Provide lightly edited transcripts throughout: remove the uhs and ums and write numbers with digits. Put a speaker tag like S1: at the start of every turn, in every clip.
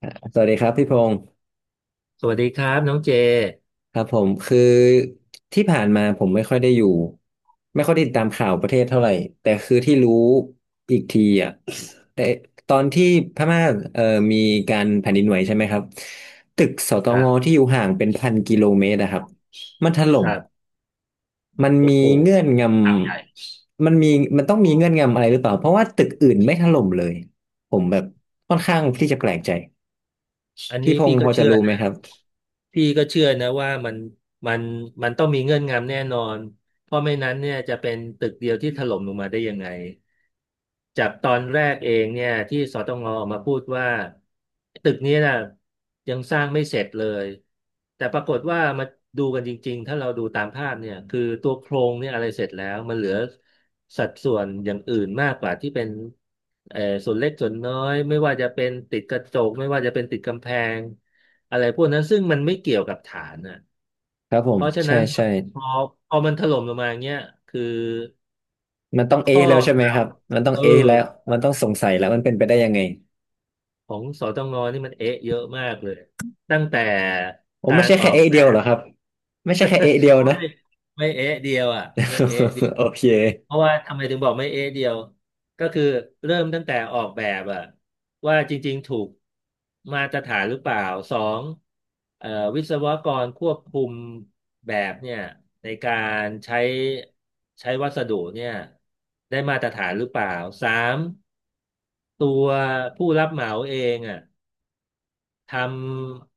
S1: อ่ะสวัสดีครับพี่พงศ์
S2: สวัสดีครับน้องเจ
S1: ครับผมคือที่ผ่านมาผมไม่ค่อยได้อยู่ไม่ค่อยได้ติดตามข่าวประเทศเท่าไหร่แต่คือที่รู้อีกทีอ่ะแต่ตอนที่พม่าเอ่อมีการแผ่นดินไหวใช่ไหมครับตึกสต
S2: ครั
S1: ง
S2: บ
S1: ที่อยู่ห่างเป็นพันกิโลเมตรอะครับมันถล่
S2: ค
S1: ม
S2: รับ
S1: มัน
S2: โอ้
S1: มี
S2: โห
S1: เงื่อนงำมันมีมันต้องมีเงื่อนงำอะไรหรือเปล่าเพราะว่าตึกอื่นไม่ถล่มเลยผมแบบค่อนข้างที่จะแปลกใจ
S2: อัน
S1: พี่
S2: นี้
S1: พง
S2: พี่
S1: ศ์พ
S2: ก็
S1: อจะ
S2: เชื่อ
S1: รู้
S2: นะ
S1: ไหมครับ
S2: ว่ามันมันต้องมีเงื่อนงำแน่นอนเพราะไม่นั้นเนี่ยจะเป็นตึกเดียวที่ถล่มลงมาได้ยังไง จากตอนแรกเองเนี่ยที่สตงออกมาพูดว่าตึกนี้นะยังสร้างไม่เสร็จเลยแต่ปรากฏว่ามาดูกันจริงๆถ้าเราดูตามภาพเนี่ยคือตัวโครงเนี่ยอะไรเสร็จแล้วมันเหลือสัดส่วนอย่างอื่นมากกว่าที่เป็นส่วนเล็กส่วนน้อยไม่ว่าจะเป็นติดกระจกไม่ว่าจะเป็นติดกำแพงอะไรพวกนั้นซึ่งมันไม่เกี่ยวกับฐานน่ะ
S1: ครับผ
S2: เพ
S1: ม
S2: ราะฉะ
S1: ใช่
S2: นั้น
S1: ใช่
S2: พอพอมันถล่มลงมาอย่างเงี้ยคือ
S1: มันต้องเอ
S2: ข้อ
S1: แล้วใช่ไหม
S2: ก
S1: ค
S2: ล่า
S1: รั
S2: ว
S1: บมันต้อง
S2: เออ
S1: เอแล้วมันต้องสงสัยแล้วมันเป็นไปได้ยังไง
S2: ของสตงนี่มันเอ๊ะเยอะมากเลยตั้งแต่
S1: ผม
S2: กา
S1: ไม่
S2: ร
S1: ใช่
S2: อ
S1: แค่
S2: อก
S1: เอ
S2: แบ
S1: เดียวเหร
S2: บ
S1: อครับไม่ใช่แค่เอเดียว
S2: อ๋อ
S1: นะ
S2: ไม่ไม่เอ๊ะเดียวอ่ะไม่เอ๊ะเดียว
S1: โอเค
S2: เพราะว่าทำไมถึงบอกไม่เอ๊ะเดียวก็คือเริ่มตั้งแต่ออกแบบอ่ะว่าจริงๆถูกมาตรฐานหรือเปล่าสองเอ่อวิศวกรควบคุมแบบเนี่ยในการใช้วัสดุเนี่ยได้มาตรฐานหรือเปล่าสามตัวผู้รับเหมาเองอ่ะ ทำ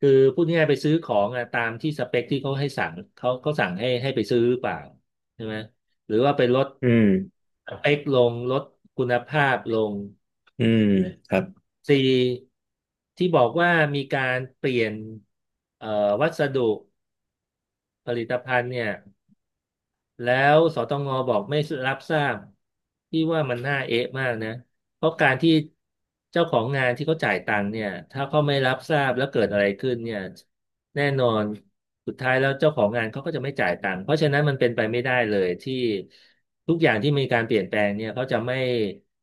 S2: คือพูดง่ายๆไปซื้อของอะตามที่สเปคที่เขาให้สั่งเขาสั่งให้ไปซื้อหรือเปล่าใช่ไหมหรือว่าไปลด
S1: อืม
S2: สเปคลงลดคุณภาพลง
S1: อืมครับ
S2: สี่ที่บอกว่ามีการเปลี่ยนเอ่อวัสดุผลิตภัณฑ์เนี่ย แล้วสตงบอกไม่รับทราบที่ว่ามันน่าเอ๊ะมากนะเพราะการที่เจ้าของงานที่เขาจ่ายตังค์เนี่ยถ้าเขาไม่รับทราบแล้วเกิดอะไรขึ้นเนี่ยแน่นอนสุดท้ายแล้วเจ้าของงานเขาก็จะไม่จ่ายตังค์เพราะฉะนั้นมันเป็นไปไม่ได้เลยที่ทุกอย่างที่มีการเปลี่ยนแปลงเนี่ยเขาจะไม่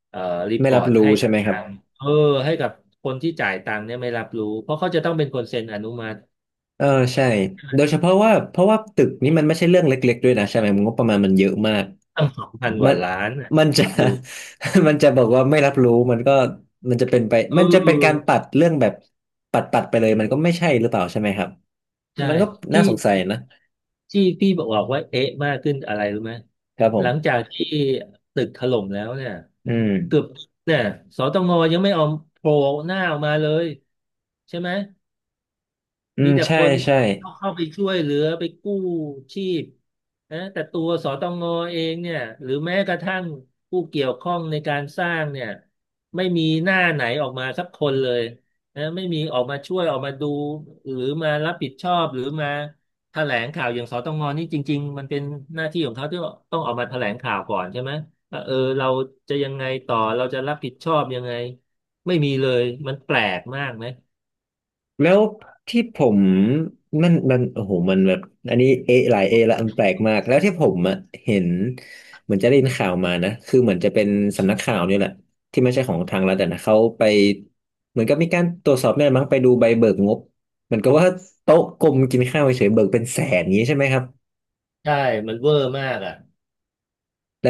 S2: เอ่อรีพ
S1: ไม่
S2: อ
S1: รับ
S2: ร์ต
S1: รู้
S2: ให้
S1: ใช่
S2: กับ
S1: ไหมค
S2: ทา
S1: รับ
S2: งเออให้กับคนที่จ่ายตังค์เนี่ยไม่รับรู้เพราะเขาจะต้องเป็นคนเซ็นอนุมัติ
S1: เออใช่โดยเฉพาะว่าเพราะว่าตึกนี้มันไม่ใช่เรื่องเล็กๆด้วยนะใช่ไหมงบประมาณมันเยอะมาก
S2: ตั้งสองพันก
S1: มั
S2: ว่า
S1: น
S2: ล้านน่ะ
S1: มันจะ
S2: คิดดู
S1: มันจะบอกว่าไม่รับรู้มันก็มันจะเป็นไป
S2: เ
S1: มันจะเป็นการ
S2: ออ
S1: ปัดเรื่องแบบปัดปัดไปเลยมันก็ไม่ใช่หรือเปล่าใช่ไหมครับ
S2: ใช่
S1: มันก็น่า
S2: ที่
S1: สงสัยนะ
S2: ที่พี่บอกว่าเอ๊ะมากขึ้นอะไรรู้ไหม
S1: ครับผ
S2: หลังจา
S1: ม
S2: กที่ตึกถล่มแล้วเนี่ย
S1: อืม
S2: เกือบเนี่ยสตงยังไม่เอาโผล่หน้าออกมาเลยใช่ไหม
S1: อื
S2: มี
S1: ม
S2: แต่ค
S1: ใช่
S2: น
S1: ใช่
S2: เข้าไปช่วยเหลือไปกู้ชีพนะแต่ตัวสตงเองเนี่ยหรือแม้กระทั่งผู้เกี่ยวข้องในการสร้างเนี่ยไม่มีหน้าไหนออกมาสักคนเลยนะไม่มีออกมาช่วยออกมาดูหรือมารับผิดชอบหรือมาแถลงข่าวอย่างสตงนี่จริงๆมันเป็นหน้าที่ของเขาที่ต้องออกมาแถลงข่าวก่อนใช่ไหมว่าเออเราจะยังไงต่อเราจะรับผิดชอบยังไงไม่มีเลยมันแปลกมากไหม
S1: แล้วที่ผมมันโอ้โหมันแบบอันนี้เอหลายเอละมันแปลกมากแล้วที่ผมอะเห็นเหมือนจะได้ยินข่าวมานะคือเหมือนจะเป็นสำนักข่าวนี่แหละที่ไม่ใช่ของทางรัฐอะนะเขาไปเหมือนกับมีการตรวจสอบเนี่ยมั้งไปดูใบเบิกงบเหมือนกับว่าโต๊ะกลมกินข้าวเฉยๆเบิกเป็นแสนอย่างนี้ใช่ไหมครับ
S2: ใช่มันเวอร์มากอ่ะ
S1: แล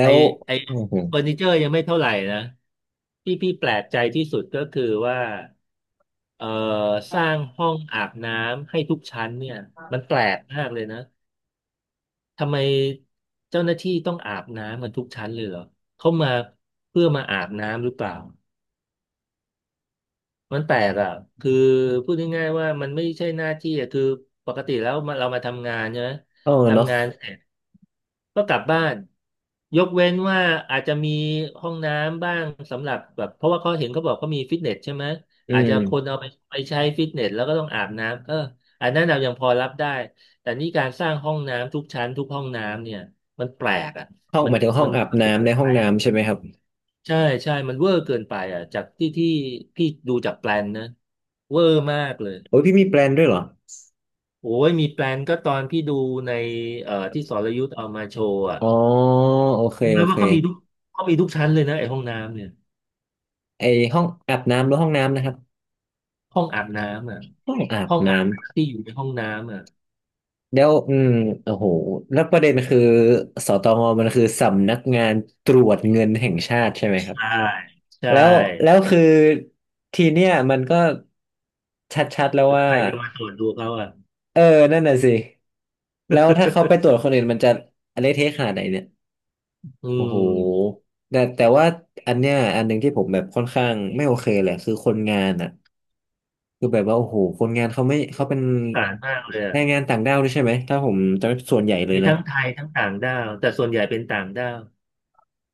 S2: ไอ
S1: ้ว
S2: ไอ
S1: โอ้โห
S2: เฟอร์นิเจอร์ยังไม่เท่าไหร่นะที่พี่แปลกใจที่สุดก็คือว่าเอ่อสร้างห้องอาบน้ำให้ทุกชั้นเนี่ยมันแปลกมากเลยนะทำไมเจ้าหน้าที่ต้องอาบน้ำกันทุกชั้นเลยเหรอเขามาเพื่อมาอาบน้ำหรือเปล่า มันแปลกอ่ะคือพูดง่ายๆว่ามันไม่ใช่หน้าที่อ่ะคือปกติแล้วมาเรามาทำงานใช่ไหม
S1: เออเนาะ
S2: ทำงานเสร็จก็กลับบ้านยกเว้นว่าอาจจะมีห้องน้ำบ้างสำหรับแบบเพราะว่าเขาเห็นเขาบอกเขามีฟิตเนสใช่ไหม
S1: อื
S2: อาจจะคน
S1: ม
S2: เอาไปใช้ฟิตเนสแล้วก็ต้องอาบน้ำเอออันนั้นเรายังพอรับได้แต่นี่การสร้างห้องน้ำทุกชั้นทุกห้องน้ำเนี่ยมันแปลกอ่ะ
S1: ห้อง
S2: มั
S1: ห
S2: น
S1: มายถึงห้อ
S2: มั
S1: ง
S2: น
S1: อา
S2: แ
S1: บน้ำในห้
S2: ป
S1: อง
S2: ลก
S1: น้ำใช่ไหมครับ
S2: ใช่ใช่มันเวอร์เกินไปอ่ะจากที่พี่ดูจากแปลนนะเวอร์มากเลย
S1: โอ้ยพี่มีแปลนด้วยเหรอ
S2: โอ้ยมีแปลนก็ตอนพี่ดูในที่สรยุทธเอามาโชว์อ่ะ
S1: อ๋อโอเคโอ
S2: รู้ไหม
S1: เค
S2: ว่าเขามีทุกเขามีทุกชั้นเลยนะไอ้ห้องน้ำเนี่ย
S1: ไอห้องอาบน้ำหรือห้องน้ำนะครับ
S2: ห้องอาบน้ำอ่ะ
S1: ห้องอาบ
S2: ห้องอาบ
S1: น้ำ
S2: น้ำที่อยู่ในห้องน้ำอ่ะ
S1: แล้วอืมโอ้โหแล้วประเด็นคือสตงมันคือสำนักงานตรวจเงินแห่งชาติใช่ไหมครับ
S2: ใช่ใช่
S1: แล้วแล้วคือทีเนี้ยมันก็ชัดๆแล้ว
S2: แล้ว
S1: ว่า
S2: ใครจะมาตรวจดูเขาอ่ะ
S1: เออนั่นน่ะสิแล้วถ้าเขาไปตรวจคนอื่นมันจะอะไรเทะขนาดไหนเนี่ย
S2: อื
S1: โอ้โห
S2: ม
S1: แต่แต่ว่าอันเนี้ยอันหนึ่งที่ผมแบบค่อนข้างไม่โอเคเลยคือคนงานอ่ะ คือแบบว่าโอ้โหคนงานเขาไม่เขาเป็
S2: ส
S1: น
S2: งสารมากเลย
S1: แร
S2: อ่ะ
S1: งงานต่างด้าวด้วยใช่ไหมถ้าผมจำไม่ผิดส่วนใหญ่เลย
S2: มี
S1: นะ
S2: ทั้งไทยทั้งต่างด้าวแต่ส่วนใหญ่เป็นต่างด้าว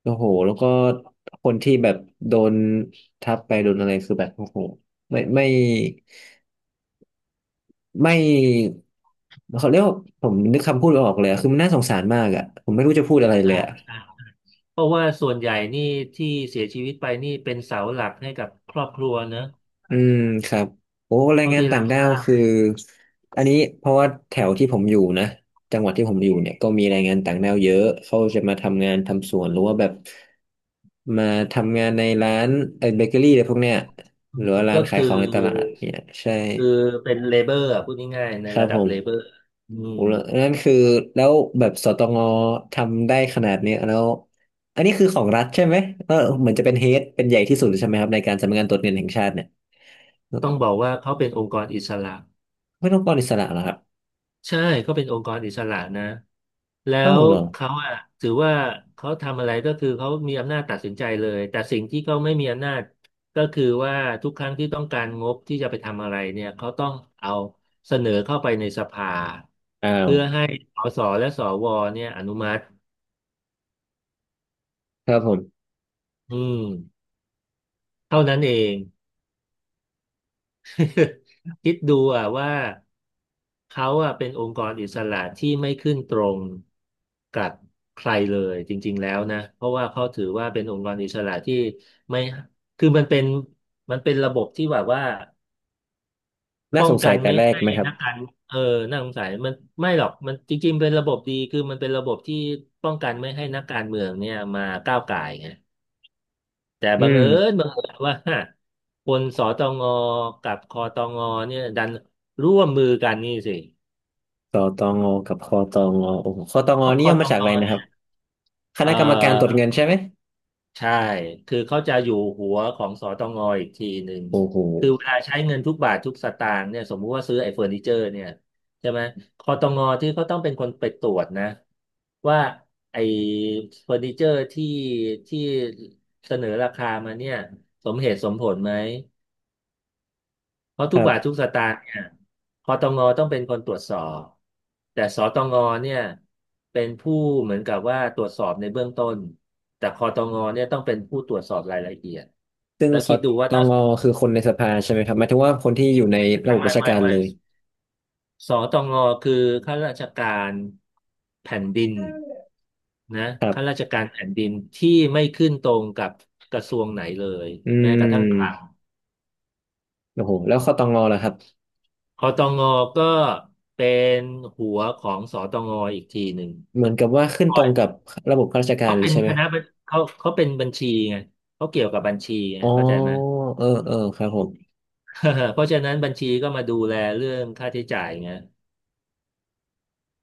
S1: โอ้โหแล้วก็คนที่แบบโดนทับไปโดนอะไรคือแบบโอ้โหไม่ไม่ไม่เขาเรียกว่าผมนึกคำพูดไม่ออกเลยอะคือมันน่าสงสารมากอ่ะผมไม่รู้จะพูดอะไรเล
S2: ใช่
S1: ยอ่ะ
S2: ใช่ เพราะว่าส่วนใหญ่นี่ที่เสียชีวิตไปนี่เป็นเสาหลักให้กับครอบครัวเนอะ
S1: อืมครับโอ้แรง
S2: เท่า
S1: งาน
S2: ที่
S1: ต่า
S2: รั
S1: ง
S2: บ
S1: ด้า
S2: ท
S1: ว
S2: ราบ
S1: คืออันนี้เพราะว่าแถวที่ผมอยู่นะจังหวัดที่ผมอยู่เนี่ยก็มีแรงงานต่างด้าวเยอะเขาจะมาทำงานทำสวนหรือว่าแบบมาทำงานในร้านเออเบเกอรี่อะไรพวกเนี้ย
S2: อื
S1: หรื
S2: ม
S1: อว่าร้า
S2: ก็
S1: นขาย
S2: คือ
S1: ของในตลาดเนี่ยใช่
S2: คือเป็นเลเบอร์พูดง่ายๆใน
S1: ครับ
S2: ระดั
S1: ผ
S2: บ
S1: ม
S2: เลเบอร์อืม
S1: โอ้แล้วนั่นคือแล้วแบบสตงทำได้ขนาดเนี้ยแล้วอันนี้คือของรัฐใช่ไหมเออเหมือนจะเป็นเฮดเป็นใหญ่ที่สุดใช่ไหมครับในการสำนักงานตรวจเงินแห่งชาติเนี่ย
S2: ต้องบอกว่าเขาเป็นองค์กรอิสระ
S1: ไม่ต้องกรอิสระเหรอครับ
S2: ใช่ก็เป็นองค์กรอิสระนะแล้
S1: อ้าว
S2: ว
S1: เหรอ
S2: เขาอะถือว่าเขาทำอะไรก็คือเขามีอำนาจตัดสินใจเลยแต่สิ่งที่เขาไม่มีอำนาจก็คือว่าทุกครั้งที่ต้องการงบที่จะไปทำอะไรเนี่ยเขาต้องเอาเสนอเข้าไปในสภา
S1: อ้าว
S2: เพื่อให้สสและสวเนี่ยอนุมัติ
S1: ครับผม
S2: อืมเท่านั้นเอง คิดดูอ่ะว่าเขาอ่ะเป็นองค์กรอิสระที่ไม่ขึ้นตรงกับใครเลยจริงๆแล้วนะเพราะว่าเขาถือว่าเป็นองค์กรอิสระที่ไม่คือมันเป็นมันเป็นระบบที่แบบว่า
S1: น่า
S2: ป้อ
S1: ส
S2: ง
S1: งสั
S2: กั
S1: ย
S2: น
S1: แต่
S2: ไม่
S1: แรก
S2: ให้
S1: ไหมครับ
S2: นักการเออน่าสงสัยมันไม่หรอกมันจริงๆเป็นระบบดีคือมันเป็นระบบที่ป้องกันไม่ให้นักการเมืองเนี่ยมาก้าวก่ายไง แต่
S1: อื
S2: บังเอิญ
S1: ม
S2: บังเอิญว่าคนสตงกับคอตงเนี่ยดันร่วมมือกันนี่สิ
S1: ตอตองอกับคอตองอโอ้โหคอตอง
S2: เพราะค
S1: นี่
S2: อ
S1: ย่อ
S2: ต
S1: มา
S2: ง
S1: จากอะไรนะค
S2: เนี่
S1: รั
S2: ย
S1: บ ค
S2: เอ
S1: ณะกรรมการตรวจ
S2: อ
S1: เงินใช่ไหม
S2: ใช่คือเขาจะอยู่หัวของสตงอีกทีหนึ่ง
S1: โอ้โห
S2: คือเวลาใช้เงินทุกบาททุกสตางค์เนี่ยสมมุติว่าซื้อไอ้เฟอร์นิเจอร์เนี่ยใช่ไหมคอตงที่เขาต้องเป็นคนไปตรวจนะว่าไอ้เฟอร์นิเจอร์ที่เสนอราคามาเนี่ยสมเหตุสมผลไหม เพราะ
S1: ค
S2: ทุก
S1: รั
S2: บาททุ
S1: บ
S2: กสตางค์เนี่ยคอตงต้องเป็นคนตรวจสอบแต่สตงเนี่ยเป็นผู้เหมือนกับว่าตรวจสอบในเบื้องต้นแต่คอตงเนี่ยต้องเป็นผู้ตรวจสอบรายละเอียด
S1: ซึ่ง
S2: แล้ว
S1: ค
S2: คิ
S1: อ
S2: ดดูว่า
S1: ตอ
S2: ถ้า
S1: งคือคนในสภาใช่ไหมครับหมายถึงว่าคนที่อยู่ในระ
S2: ไม่
S1: บบราช
S2: ไม่
S1: การ
S2: ไม่
S1: เลย
S2: สตงคือข้าราชการแผ่นดินนะ
S1: ครั
S2: ข้ารา
S1: บ
S2: ชการแผ่นดินที่ไม่ขึ้นตรงกับกระทรวงไหนเลย
S1: อื
S2: แม้กระทั่งคลัง
S1: มโอ้โหแล้วคอตองอล่ะครับ
S2: คอตงก็เป็นหัวของสตงอีกทีหนึ่ง
S1: เหมือนกับว่าขึ้
S2: ค
S1: นต
S2: อ
S1: ร
S2: ย
S1: งกับระบบข้าราชการ
S2: เขา
S1: เล
S2: เป็
S1: ย
S2: น
S1: ใช่ไหม
S2: คณะบัญเขาเขาเป็นบัญชีไงเขาเกี่ยวกับบัญชีไง
S1: อ๋อ
S2: เข้าใจไหม
S1: เออเออครับผม
S2: เพราะฉะนั้นบัญชีก็มาดูแลเรื่องค่าใช้จ่ายไง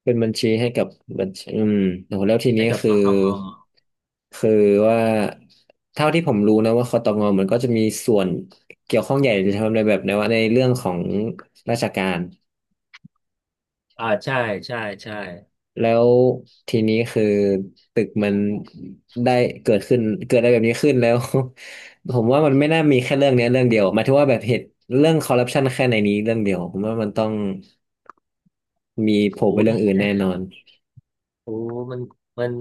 S1: เป็นบัญชีให้กับบัญชีอืมโอ้โหแล้วที
S2: ให้
S1: นี้
S2: กับ
S1: คื
S2: ส
S1: อ
S2: ตง
S1: คือว่าเท่าที่ผมรู้นะว่าคตงมันก็จะมีส่วนเกี่ยวข้องใหญ่จะทำในแบบในว่าในเรื่องของราชการ
S2: อ่าใช่ใช่ใช่
S1: แล้วทีนี้คือตึกมันได้เกิดขึ้นเกิดอะไรแบบนี้ขึ้นแล้ว ผมว่ามันไม่น่ามีแค่เรื่องเนี้ยเรื่องเดียวหมายถึงว่าแบบเหตุเรื่องคอร์รัปชันแค่ในนี้เรื่องเดียวผมว่ามันต้องมีโผล่
S2: โอ้
S1: ไป
S2: ย
S1: เรื่องอื่นแน่นอน
S2: โอ้มันมัน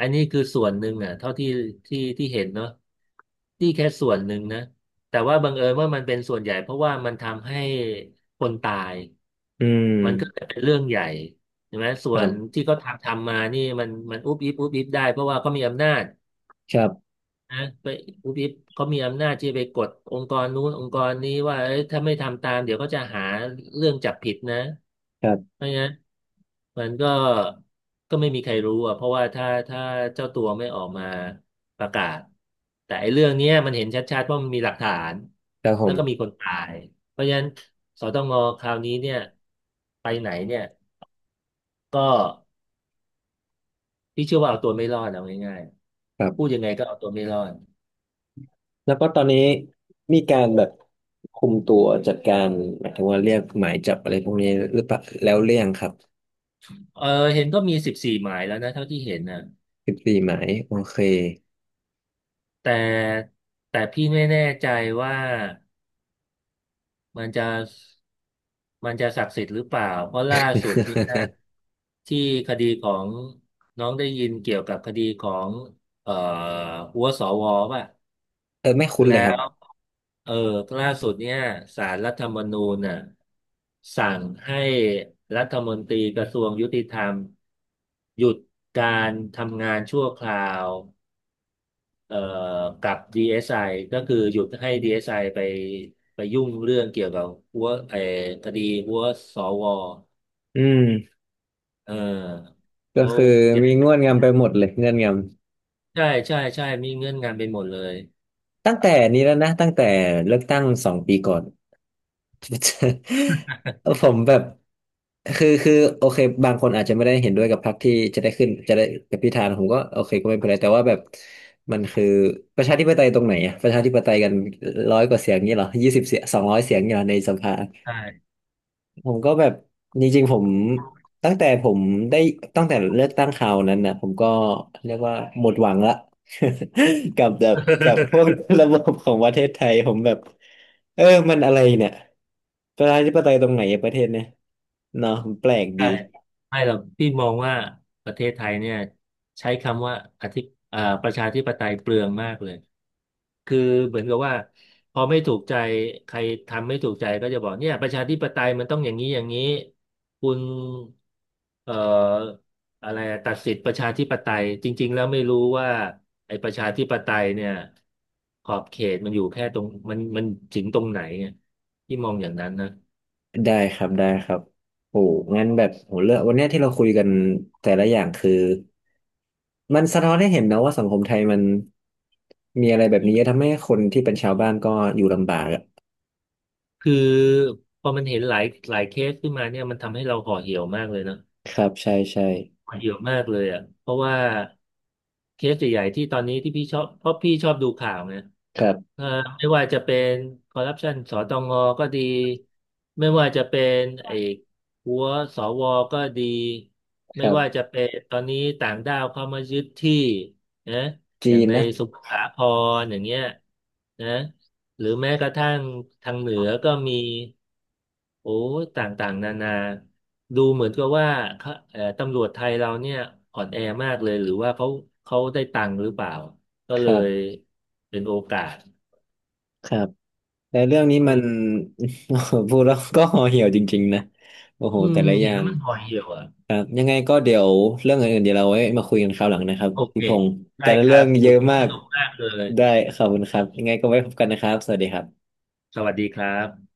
S2: อันนี้คือส่วนหนึ่งอ่ะเท่าที่ที่เห็นเนาะที่แค่ส่วนหนึ่งนะ แต่ว่าบังเอิญว่ามันเป็นส่วนใหญ่เพราะว่ามันทำให้คนตาย
S1: อืม
S2: มันก็เลยเป็นเรื่องใหญ่ใช่ไหมส่
S1: ค
S2: ว
S1: รั
S2: น
S1: บ
S2: ที่เขาทำทำมานี่มันอุ๊บอิ๊บอุ๊บอิ๊บได้เพราะว่าเขามีอำนาจ
S1: ครับ
S2: นะไปผู้พิพเขามีอำนาจที่จะไปกดองค์กรนู้นองค์กรนี้ว่าเอ้ยถ้าไม่ทำตามเดี๋ยวก็จะหาเรื่องจับผิดนะ
S1: ครับ
S2: ไม่งั้นมันก็ไม่มีใครรู้อ่ะเพราะว่าถ้าเจ้าตัวไม่ออกมาประกาศแต่ไอ้เรื่องเนี้ยมันเห็นชัดๆว่ามันมีหลักฐาน
S1: ครับผ
S2: แล้วก็มี
S1: ม
S2: คนตายเพราะฉะนั้นสตงคราวนี้เนี่ยไปไหนเนี่ยก็พี่เชื่อว่าเอาตัวไม่รอดเอาง่าย
S1: ครั
S2: ๆพูด
S1: บ
S2: ยังไงก็เอาตัวไม่รอด
S1: แล้วก็ตอนนี้มีการแบบคุมตัวจัดการหมายถึงว่าเรียกหมายจับอะไรพวกนี้หรือเปล่าแล้วเรียงครับ
S2: เออเห็นก็มี14 หมายแล้วนะเท่าที่เห็นนะ
S1: 14 หมายโอเค
S2: แต่แต่พี่ไม่แน่ใจว่ามันจะมันจะศักดิ์สิทธิ์หรือเปล่าเพราะล่าสุดนี่นะที่คดีของน้องได้ยินเกี่ยวกับคดีของเอ่อหัวสวป่ะ
S1: เออไม่คุ้น
S2: แล้
S1: เลยครับ
S2: วเออล่าสุดเนี่ยศาลรัฐธรรมนูญน่ะสั่งให้รัฐมนตรีกระทรวงยุติธรรมหยุดการทำงานชั่วคราว เอ่อกับ DSI ก็คือหยุดให้ DSI ไอไปไปยุ่งเรื่องเกี่ยวกับหัวไอ้คดีหัวสว
S1: อืม
S2: เออ
S1: ก็
S2: เขา
S1: คือ
S2: ใหญ่
S1: มีเงื่อนงำไปหมดเลยเงื่อนง
S2: ใช่ใช่ใช่มีเงื่อนงำไปหมดเลย
S1: ำตั้งแต่นี้แล้วนะตั้งแต่เลือกตั้ง2 ปีก่อน ผมแบบคือโอเคบางคนอาจจะไม่ได้เห็นด้วยกับพรรคที่จะได้ขึ้นจะได้กับพิธานะผมก็โอเคก็ไม่เป็นไรแต่ว่าแบบมันคือประชาธิปไตยตรงไหนอะประชาธิปไตยกัน100 กว่าเสียงนี้เหรอ20 เสียง200 เสียงนี้เหรอในสภา
S2: ใช่
S1: ผมก็แบบจริงๆผมตั้งแต่ผมได้ตั้งแต่เลือกตั้งคราวนั้นนะผมก็เรียกว่าหมดหวังละ กับแบบกับพวกระบบของประเทศไทยผมแบบเออมันอะไรเนี่ยประชาธิปไตยตรงไหนอะประเทศเนี่ยเนาะมันแปลกดี
S2: ใช่ไม่หรอกพี่มองว่าประเทศไทยเนี่ยใช้คำว่าอธิประชาธิปไตยเปลืองมากเลย คือเหมือนกับว่าพอไม่ถูกใจใครทำไม่ถูกใจก็จะบอกเนี่ยประชาธิปไตยมันต้องอย่างนี้อย่างนี้คุณเอ่ออะไรอะตัดสิทธิประชาธิปไตยจริงๆแล้วไม่รู้ว่าไอ้ประชาธิปไตยเนี่ยขอบเขตมันอยู่แค่ตรงมันถึงตรงไหนเนี่ยที่มองอย่างนั้นนะ
S1: ได้ครับได้ครับโอ้งั้นแบบโหเลือกวันเนี้ยที่เราคุยกันแต่ละอย่างคือมันสะท้อนให้เห็นนะว่าสังคมไทยมันมีอะไรแบบนี้เยอะทำให้คนที่เป็นชาวบ้านก็อยู่ลำบากอะ
S2: คือพอมันเห็นหลายเคสขึ้นมาเนี่ยมันทำให้เราห่อเหี่ยวมากเลยนะ
S1: ครับใช่ใช่
S2: เยอะมากเลยอ่ะเพราะว่าเคสใหญ่ๆที่ตอนนี้ที่พี่ชอบเพราะพี่ชอบดูข่าวเนี่ย
S1: ครับ
S2: เอ่อไม่ว่าจะเป็นคอร์รัปชันสตงก็ดีไม่ว่าจะเป็นไอ้หัวสวก็ดี
S1: ค
S2: ไม่
S1: รั
S2: ว่า
S1: บ
S2: จะเป็นตอนนี้ต่างด้าวเข้ามายึดที่นะอ
S1: จี
S2: ย่าง
S1: น
S2: ใน
S1: นะ
S2: สมุทรสาครอย่างเงี้ยนะ หรือแม้กระทั่งทางเหนือก็มีโอ้ยต่างๆนานาดูเหมือนกับว่าเขาตำรวจไทยเราเนี่ยอ่อนแอมากเลยหรือว่าเขาได้ตังค์หรือเปล่าก็
S1: ค
S2: เล
S1: รั
S2: ย
S1: บ
S2: เป็นโอกาส
S1: ครับแต่เรื่องนี้
S2: อื
S1: มัน
S2: ม
S1: โอ้โหพูดแล้วก็ห่อเหี่ยวจริงๆนะโอ้โห
S2: อื
S1: แต่
S2: ม
S1: ละอ
S2: เห็น
S1: ย่า
S2: แล้ว
S1: ง
S2: มันห่อเหี่ยวอ่ะ
S1: ครับยังไงก็เดี๋ยวเรื่องอื่นๆเดี๋ยวเราไว้มาคุยกันคราวหลังนะครับ
S2: โอเค
S1: พี่พงศ์
S2: ได้
S1: แต่ละ
S2: ค
S1: เรื่
S2: รั
S1: อ
S2: บ
S1: งเย
S2: โอ้
S1: อะ
S2: โห
S1: มา
S2: ส
S1: ก
S2: นุกมากเลย
S1: ได้ขอบคุณครับยังไงก็ไว้พบกันนะครับสวัสดีครับ
S2: สวัสดีครับ